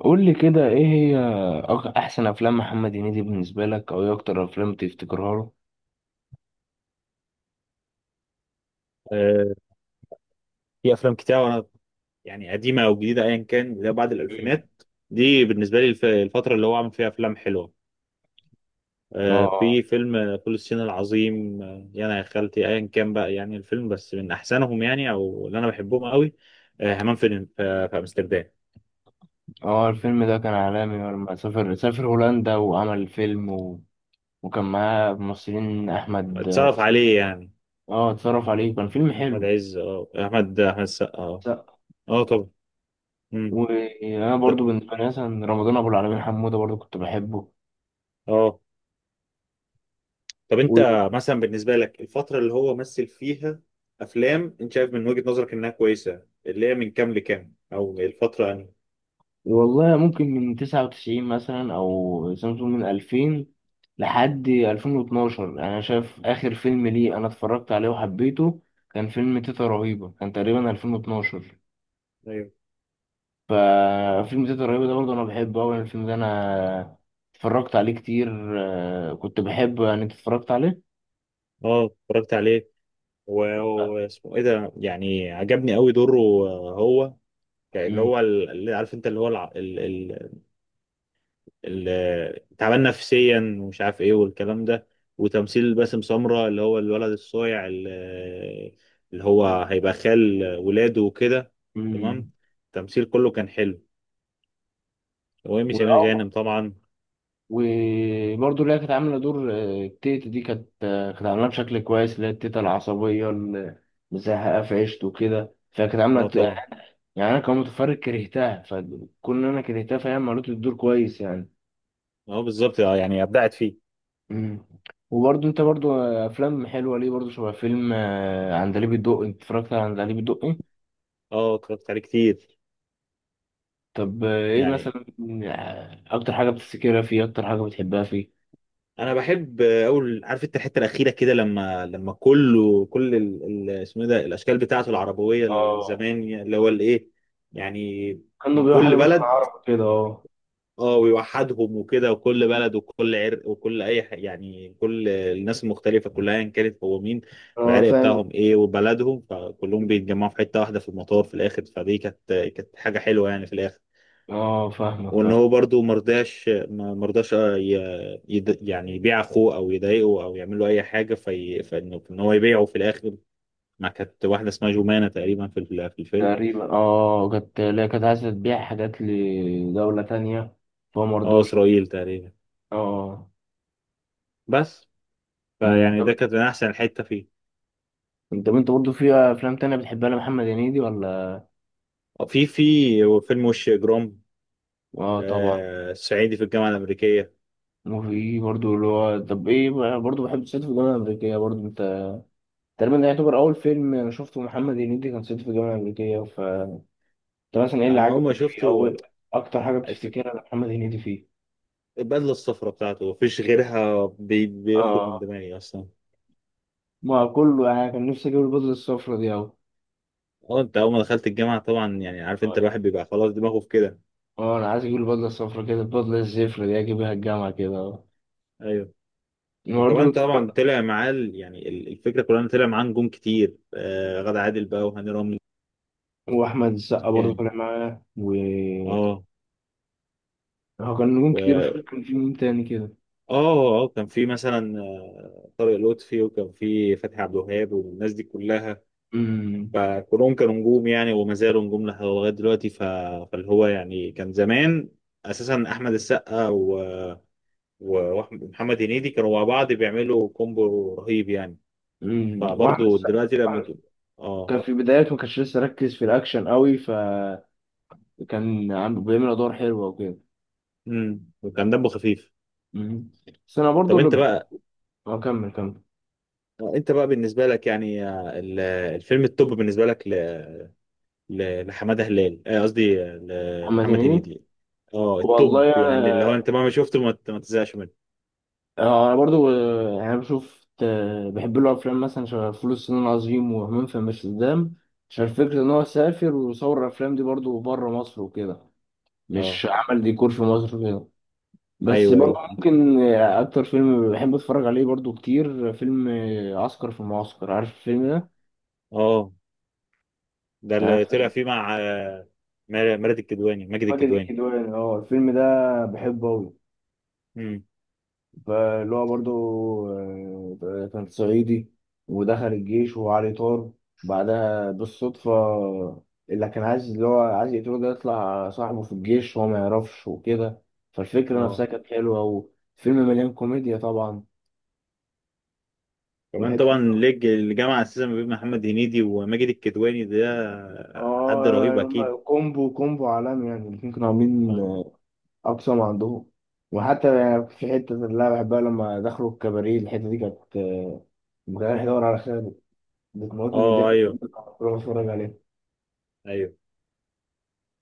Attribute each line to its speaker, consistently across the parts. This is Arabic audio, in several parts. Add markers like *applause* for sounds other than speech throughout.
Speaker 1: قول لي كده ايه هي احسن افلام محمد هنيدي بالنسبه لك او ايه اكتر افلام تفتكرها له.
Speaker 2: آه، في افلام كتير وانا يعني قديمه او جديده ايا كان اللي هي بعد
Speaker 1: *laughs* مم.
Speaker 2: الالفينات دي بالنسبه لي الفتره اللي هو عامل فيها افلام حلوه.
Speaker 1: اه.
Speaker 2: في فيلم فول الصين العظيم، يا انا يا خالتي ايا كان بقى يعني الفيلم بس من احسنهم يعني او اللي انا بحبهم قوي. همام في امستردام
Speaker 1: اه، الفيلم ده كان عالمي لما سافر هولندا وعمل فيلم و... وكان معاه ممثلين احمد.
Speaker 2: اتصرف عليه يعني.
Speaker 1: اه اتصرف عليه، كان فيلم
Speaker 2: احمد
Speaker 1: حلو.
Speaker 2: عز، اه احمد السقا، اه
Speaker 1: س-
Speaker 2: اه طبعا. مم.
Speaker 1: وانا برضو بالنسبه لي مثلا رمضان ابو العالمين حموده برضو كنت بحبه.
Speaker 2: اه طب انت مثلا بالنسبه لك الفتره اللي هو مثل فيها افلام انت شايف من وجهه نظرك انها كويسه اللي هي من كام لكام او الفتره يعني.
Speaker 1: والله ممكن من 99 مثلا أو سامسونج من 2000 لحد 2012. أنا شايف آخر فيلم ليه أنا اتفرجت عليه وحبيته كان فيلم تيتا رهيبة، كان تقريبا 2012.
Speaker 2: ايوه
Speaker 1: ففيلم تيتا رهيبة ده برضه أنا بحبه أوي، يعني الفيلم ده أنا اتفرجت عليه كتير. كنت بحبه. يعني أنت اتفرجت عليه؟
Speaker 2: اه اتفرجت عليه. واسمه ايه ده يعني عجبني قوي دوره. هو يعني اللي
Speaker 1: مم.
Speaker 2: هو اللي عارف انت اللي هو تعبان نفسيا ومش عارف ايه والكلام ده. وتمثيل باسم سمرة اللي هو الولد الصايع اللي اللي هو هيبقى خال ولاده وكده. تمام،
Speaker 1: مم.
Speaker 2: التمثيل كله كان حلو، وإيمي سمير غانم طبعا.
Speaker 1: وبرضه اللي هي كانت عاملة دور التيتا دي كانت كانت عاملاه بشكل كويس، اللي هي التيتا العصبية اللي مزهقة في عيشته وكده، فكانت عاملة
Speaker 2: اه طبعا،
Speaker 1: يعني أنا كمتفرج كرهتها، فكون إن أنا كرهتها فهي عملت الدور كويس يعني.
Speaker 2: اه بالظبط، اه يعني ابدعت فيه.
Speaker 1: مم. وبرضه أنت برضه أفلام حلوة ليه برضه شبه فيلم عندليب الدقي. أنت اتفرجت على عندليب الدقي؟
Speaker 2: اه اتفرجت عليه كتير.
Speaker 1: طب إيه
Speaker 2: يعني
Speaker 1: مثلا أكتر حاجة بتفتكرها فيه، أكتر حاجة بتحبها فيه؟
Speaker 2: انا بحب اول، عارف انت الحته الاخيره كده لما كله اسمه إيه ده الاشكال بتاعته العربويه
Speaker 1: اه
Speaker 2: الزمان اللي هو الايه يعني،
Speaker 1: كانوا
Speaker 2: من
Speaker 1: بيقولوا حاجة
Speaker 2: كل
Speaker 1: مثلا
Speaker 2: بلد.
Speaker 1: عربي كده، أه.
Speaker 2: اه ويوحدهم وكده وكل بلد وكل عرق وكل يعني كل الناس المختلفه كلها ان كانت هو مين
Speaker 1: اه
Speaker 2: والعرق
Speaker 1: فاهم.
Speaker 2: بتاعهم ايه وبلدهم، فكلهم بيتجمعوا في حته واحده في المطار في الاخر. فدي كانت حاجه حلوه يعني في الاخر.
Speaker 1: اه فاهمك،
Speaker 2: وان
Speaker 1: فاهم.
Speaker 2: هو برضو مرضاش مرضاش يعني يبيع اخوه او يضايقه او يعمل له اي حاجه، في فانه ان هو يبيعه في الاخر ما كانت واحده اسمها جمانه تقريبا في الفيلم.
Speaker 1: تقريبا اه، كانت لا، كانت عايزة تبيع حاجات لدولة تانية فهو
Speaker 2: اه
Speaker 1: مرضاش.
Speaker 2: اسرائيل تقريبا
Speaker 1: اه.
Speaker 2: بس.
Speaker 1: أمم،
Speaker 2: فيعني ده
Speaker 1: طب،
Speaker 2: كانت من احسن الحته فيه.
Speaker 1: انت برضه في افلام تانية بتحبها لمحمد هنيدي ولا؟
Speaker 2: في فيلم وش اجرام،
Speaker 1: اه طبعا.
Speaker 2: آه صعيدي في الجامعه الامريكيه.
Speaker 1: وفي برضه اللي هو، طب ايه بقى، برضه بحب صعيدي في الجامعة الأمريكية. برضه انت، تقريبا ده يعتبر أول فيلم أنا شفته محمد هنيدي، كان صعيدي في الجامعة الأمريكية. ف انت مثلا ايه اللي
Speaker 2: انا اول ما
Speaker 1: عجبك فيه، أو
Speaker 2: شفته
Speaker 1: أكتر حاجة
Speaker 2: الف-
Speaker 1: بتفتكرها لمحمد هنيدي فيه؟
Speaker 2: البدله الصفراء بتاعته مفيش غيرها، بيخرج من
Speaker 1: اه
Speaker 2: دماغي اصلا.
Speaker 1: ما كله يعني كان نفسي أجيب البدلة الصفرا دي.
Speaker 2: اه انت اول ما دخلت الجامعه طبعا يعني عارف انت
Speaker 1: أوي.
Speaker 2: الواحد بيبقى خلاص دماغه في كده.
Speaker 1: اه انا عايز اجيب البدله الصفرا كده، البدله الزفرة دي اجيبها الجامعه كده، اه.
Speaker 2: ايوه
Speaker 1: برضه
Speaker 2: وكمان طبعا طلع معاه يعني الفكره كلها إن طلع معاه نجوم كتير، آه غادة عادل بقى وهاني رمزي
Speaker 1: واحمد السقا برضه
Speaker 2: يعني.
Speaker 1: طالع معاه و...
Speaker 2: اه
Speaker 1: هو كان نجوم كتير، مش فاكر
Speaker 2: و
Speaker 1: كان في مين تاني كده.
Speaker 2: اه، اه كان في مثلا طارق لطفي وكان في فتحي عبد الوهاب والناس دي كلها،
Speaker 1: امم.
Speaker 2: فكلهم كانوا نجوم يعني وما زالوا نجوم لغايه دلوقتي. ف... فاللي هو يعني كان زمان اساسا احمد السقا و... ومحمد هنيدي كانوا مع بعض بيعملوا كومبو رهيب يعني.
Speaker 1: امم، واحمد
Speaker 2: فبرضه
Speaker 1: السقا
Speaker 2: دلوقتي لما اه.
Speaker 1: كان في بدايته، ما كانش لسه ركز في الاكشن قوي، فكان عم بيعمل ادوار حلوه وكده.
Speaker 2: وكان دمه خفيف.
Speaker 1: امم. بس انا برضه
Speaker 2: طب
Speaker 1: اللي
Speaker 2: انت
Speaker 1: بحب،
Speaker 2: بقى،
Speaker 1: اه كمل كمل.
Speaker 2: انت بقى بالنسبه لك يعني الفيلم التوب بالنسبه لك لحماده هلال، قصدي
Speaker 1: محمد
Speaker 2: لمحمد
Speaker 1: هنيدي.
Speaker 2: هنيدي. اه
Speaker 1: والله
Speaker 2: التوب يعني اللي هو
Speaker 1: انا،
Speaker 2: انت مهما شفته ما تزهقش منه.
Speaker 1: اه انا برضو يعني بشوف بحب له افلام مثلا شبه فول الصين العظيم وهمام في امستردام، عشان فكرة ان هو سافر وصور الافلام دي برضو بره مصر وكده،
Speaker 2: اه
Speaker 1: مش عمل ديكور في مصر وكده. بس
Speaker 2: ايوه
Speaker 1: برضو
Speaker 2: ايوه،
Speaker 1: ممكن اكتر فيلم بحب اتفرج عليه برضو كتير فيلم عسكر في المعسكر. عارف الفيلم ده؟
Speaker 2: اه ده
Speaker 1: يعني
Speaker 2: اللي طلع
Speaker 1: فيلم
Speaker 2: فيه مع مراد الكدواني، ماجد
Speaker 1: ماجد
Speaker 2: الكدواني.
Speaker 1: الكدواني، اه الفيلم ده بحبه اوي.
Speaker 2: امم.
Speaker 1: فاللي هو برضه كان صعيدي ودخل الجيش وهو عليه طار. بعدها بالصدفة، اللي كان عايز، اللي هو عايز يقتله ده يطلع صاحبه في الجيش وهو ما يعرفش وكده، فالفكرة
Speaker 2: اه
Speaker 1: نفسها كانت حلوة. وفيلم مليان كوميديا طبعا.
Speaker 2: كمان
Speaker 1: وحتة،
Speaker 2: طبعا ليج الجامعه اساسا ما بين محمد هنيدي وماجد الكدواني ده حد
Speaker 1: اه
Speaker 2: رهيب اكيد.
Speaker 1: هما كومبو عالمي يعني، الاتنين كانوا عاملين
Speaker 2: اه
Speaker 1: أقصى ما عندهم. وحتى يعني في حتة اللي أنا بحبها، لما دخلوا الكباريه الحتة دي كانت ما كانش يدور على خير، بتموتني من
Speaker 2: اه
Speaker 1: الضحك
Speaker 2: ايوه
Speaker 1: كنت بتفرج عليه.
Speaker 2: ايوه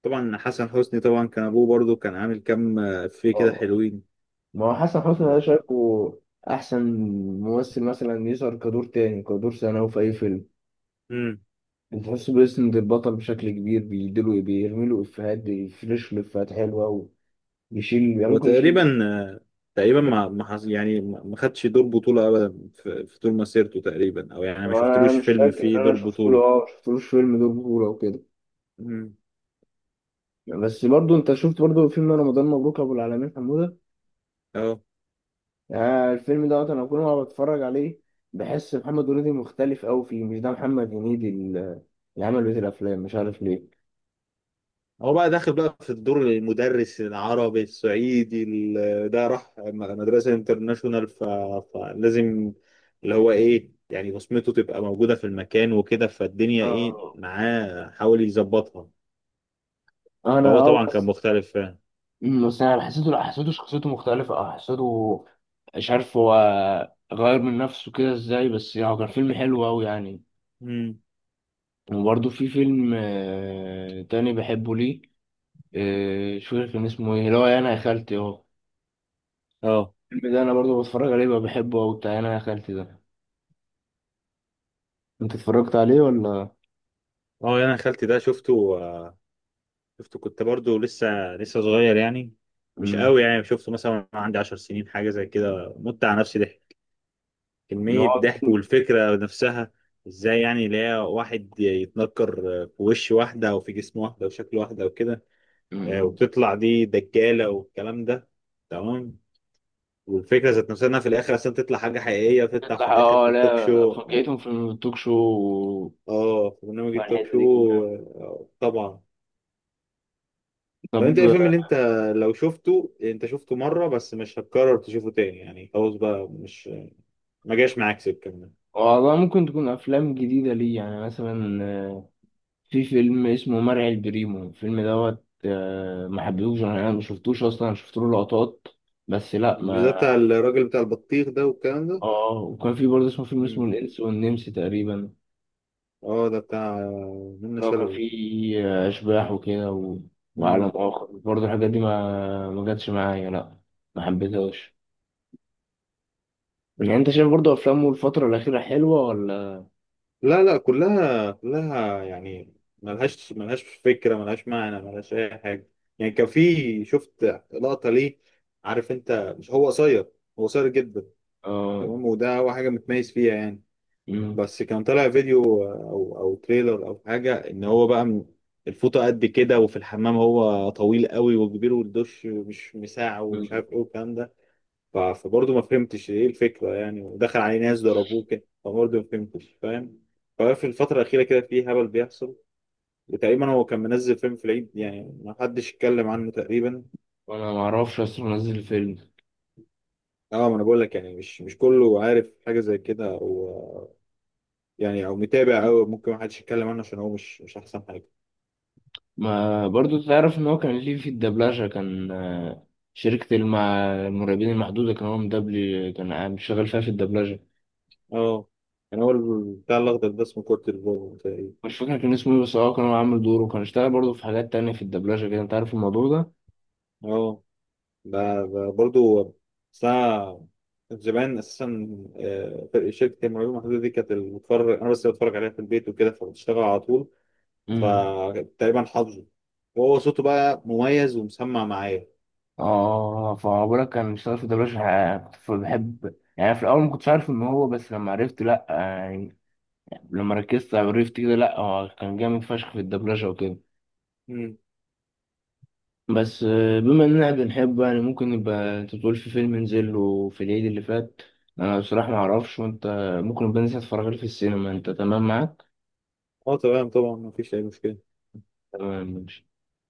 Speaker 2: طبعا. حسن حسني طبعا كان ابوه برضو كان عامل كام افيه كده
Speaker 1: اه
Speaker 2: حلوين.
Speaker 1: ما هو حسن حسني انا شايفه احسن ممثل مثلا يظهر كدور تاني، كدور ثانوي في اي فيلم،
Speaker 2: امم.
Speaker 1: بتحسه بيسند البطل بشكل كبير، بيديله، بيرميله افيهات، بيفرش له افيهات حلوه، ويشيل يعني ممكن يشيل.
Speaker 2: وتقريبا تقريبا ما ما حص- يعني ما خدش دور بطولة ابدا في طول مسيرته تقريبا، او يعني ما
Speaker 1: انا
Speaker 2: شفتلوش
Speaker 1: مش
Speaker 2: فيلم
Speaker 1: فاكر
Speaker 2: فيه
Speaker 1: ان انا
Speaker 2: دور
Speaker 1: شفت له،
Speaker 2: بطولة.
Speaker 1: اه شفت له فيلم دور بطوله وكده.
Speaker 2: امم
Speaker 1: بس برضه انت شفت برضه فيلم رمضان مبروك ابو العالمين حموده.
Speaker 2: اه.
Speaker 1: آه الفيلم دوت انا كل ما بتفرج عليه بحس محمد هنيدي مختلف قوي فيه، مش ده محمد هنيدي اللي عمل بيت الافلام، مش عارف ليه.
Speaker 2: هو بقى داخل بقى في الدور المدرس العربي الصعيدي ده راح مدرسة انترناشونال ف... فلازم اللي هو ايه يعني بصمته تبقى موجودة في المكان وكده، فالدنيا ايه
Speaker 1: اه
Speaker 2: معاه حاول يظبطها.
Speaker 1: انا،
Speaker 2: فهو
Speaker 1: اه
Speaker 2: طبعا كان
Speaker 1: بس.
Speaker 2: مختلف فعلا.
Speaker 1: أمم، بس انا حسيته، لا حسيته شخصيته مختلفه، اه حسيته، مش عارف هو غير من نفسه كده ازاي، بس يعني هو كان فيلم حلو قوي يعني.
Speaker 2: امم
Speaker 1: وبرده في فيلم تاني بحبه ليه مش فاكر كان اسمه ايه، اللي هو انا يا خالتي، اه
Speaker 2: اه.
Speaker 1: الفيلم ده انا برضو بتفرج عليه بقى، بحبه قوي بتاع انا يا خالتي ده. انت اتفرجت عليه ولا؟
Speaker 2: اه يعني انا خالتي ده شفته، شفته كنت برضو لسه صغير يعني. مش
Speaker 1: مم.
Speaker 2: قوي يعني، شفته مثلا وأنا عندي عشر سنين حاجه زي كده، مت على نفسي ضحك،
Speaker 1: ان
Speaker 2: كميه
Speaker 1: هو
Speaker 2: ضحك.
Speaker 1: فيلم.
Speaker 2: والفكره نفسها، ازاي يعني لا واحد يتنكر في وش واحده او في جسم واحده او شكل واحده او كده.
Speaker 1: مم.
Speaker 2: وتطلع دي دجاله والكلام ده. تمام. والفكره ذات نفسها انها في الاخر اصلا تطلع حاجه حقيقيه، تطلع في
Speaker 1: يطلع،
Speaker 2: الاخر في
Speaker 1: اه
Speaker 2: التوك
Speaker 1: لا
Speaker 2: شو.
Speaker 1: فكيتهم في التوك شو.
Speaker 2: اه في برنامج التوك
Speaker 1: فالحته
Speaker 2: شو.
Speaker 1: دي كانت جامدة.
Speaker 2: طبعا. طب انت ايه
Speaker 1: طب.
Speaker 2: الفيلم اللي انت لو شفته، انت شفته مره بس مش هتكرر تشوفه تاني يعني، خلاص بقى مش، ما جاش معاك سكه منه؟
Speaker 1: والله ممكن تكون افلام جديده لي، يعني مثلا في فيلم اسمه مرعي البريمو الفيلم دوت ما حبيتهوش انا، يعني ما شفتوش اصلا، شفت له لقطات بس، لا
Speaker 2: بالذات
Speaker 1: ما
Speaker 2: بتاع
Speaker 1: حب...
Speaker 2: الراجل بتاع البطيخ ده والكلام ده.
Speaker 1: اه وكان في برضه اسمه فيلم اسمه
Speaker 2: مم.
Speaker 1: الانس والنمس تقريبا،
Speaker 2: اه ده بتاع منة
Speaker 1: اللي هو كان
Speaker 2: شلبي.
Speaker 1: فيه اشباح وكده و... وعالم
Speaker 2: مم.
Speaker 1: اخر برضه. الحاجات دي ما جاتش معايا لا، ما حبيتهاش. يعني انت شايف برضه افلامه الفترة الأخيرة حلوة ولا؟
Speaker 2: لا لا، كلها يعني فكره، ملهاش معنى، ملهاش اي حاجه يعني. كان في شفت لقطه ليه، عارف انت مش هو قصير؟ هو قصير جدا.
Speaker 1: اه.
Speaker 2: تمام، وده هو حاجه متميز فيها يعني.
Speaker 1: مم.
Speaker 2: بس كان طالع فيديو او تريلر او حاجه، ان هو بقى الفوطه قد كده وفي الحمام، هو طويل قوي وكبير والدش مش مساع ومش
Speaker 1: مم.
Speaker 2: عارف ايه والكلام ده. فبرضه ما فهمتش ايه الفكره يعني، ودخل عليه ناس ضربوه كده فبرضه ما فهمتش، فاهم؟ ففي الفتره الاخيره كده في هبل بيحصل. وتقريبا هو كان منزل فيلم في العيد يعني ما حدش اتكلم عنه تقريبا.
Speaker 1: انا ما اعرفش اصلا نزل الفيلم.
Speaker 2: اه ما انا بقول لك يعني مش، مش كله عارف حاجه زي كده او يعني او متابع، او ممكن ما حدش يتكلم عنه عشان هو مش، مش احسن حاجه.
Speaker 1: ما برضه تعرف ان هو كان ليه في الدبلجة، كان المرعبين المحدودة، كان هو مدبلي، كان شغال فيها في الدبلجة.
Speaker 2: اه يعني هو بتاع الأخضر ده اسمه كورتيزون تقريبا.
Speaker 1: مش فاكر كان اسمه ايه بس، اه كان هو عامل دوره، كان اشتغل برضه في حاجات تانية في الدبلجة كده. انت عارف الموضوع ده؟
Speaker 2: اه ده برضه. بس أنا زمان أساسا، فرق شركة المعلومة المحدودة دي كانت اللي بتفرج أنا بس اللي بتفرج عليها في البيت وكده، فبتشتغل على طول.
Speaker 1: مم.
Speaker 2: فتقريبا حافظه، وهو صوته بقى مميز ومسمع معايا.
Speaker 1: اه فبقولك كان اشتغل في الدبلجة كنت بحب يعني في الأول، ما كنتش عارف إن هو، بس لما عرفت لأ لما ركزت عرفت كده، لا هو كان جامد فشخ في الدبلجة وكده.
Speaker 2: مم.
Speaker 1: بس بما اننا بنحبه يعني ممكن نبقى، انت تقول في فيلم نزل له في العيد اللي فات، انا بصراحة ما اعرفش، وانت ممكن نبقى ننزل اتفرج عليه في السينما، انت تمام معاك؟
Speaker 2: اه تمام طبعا مفيش أي مشكلة.
Speaker 1: تمام ماشي.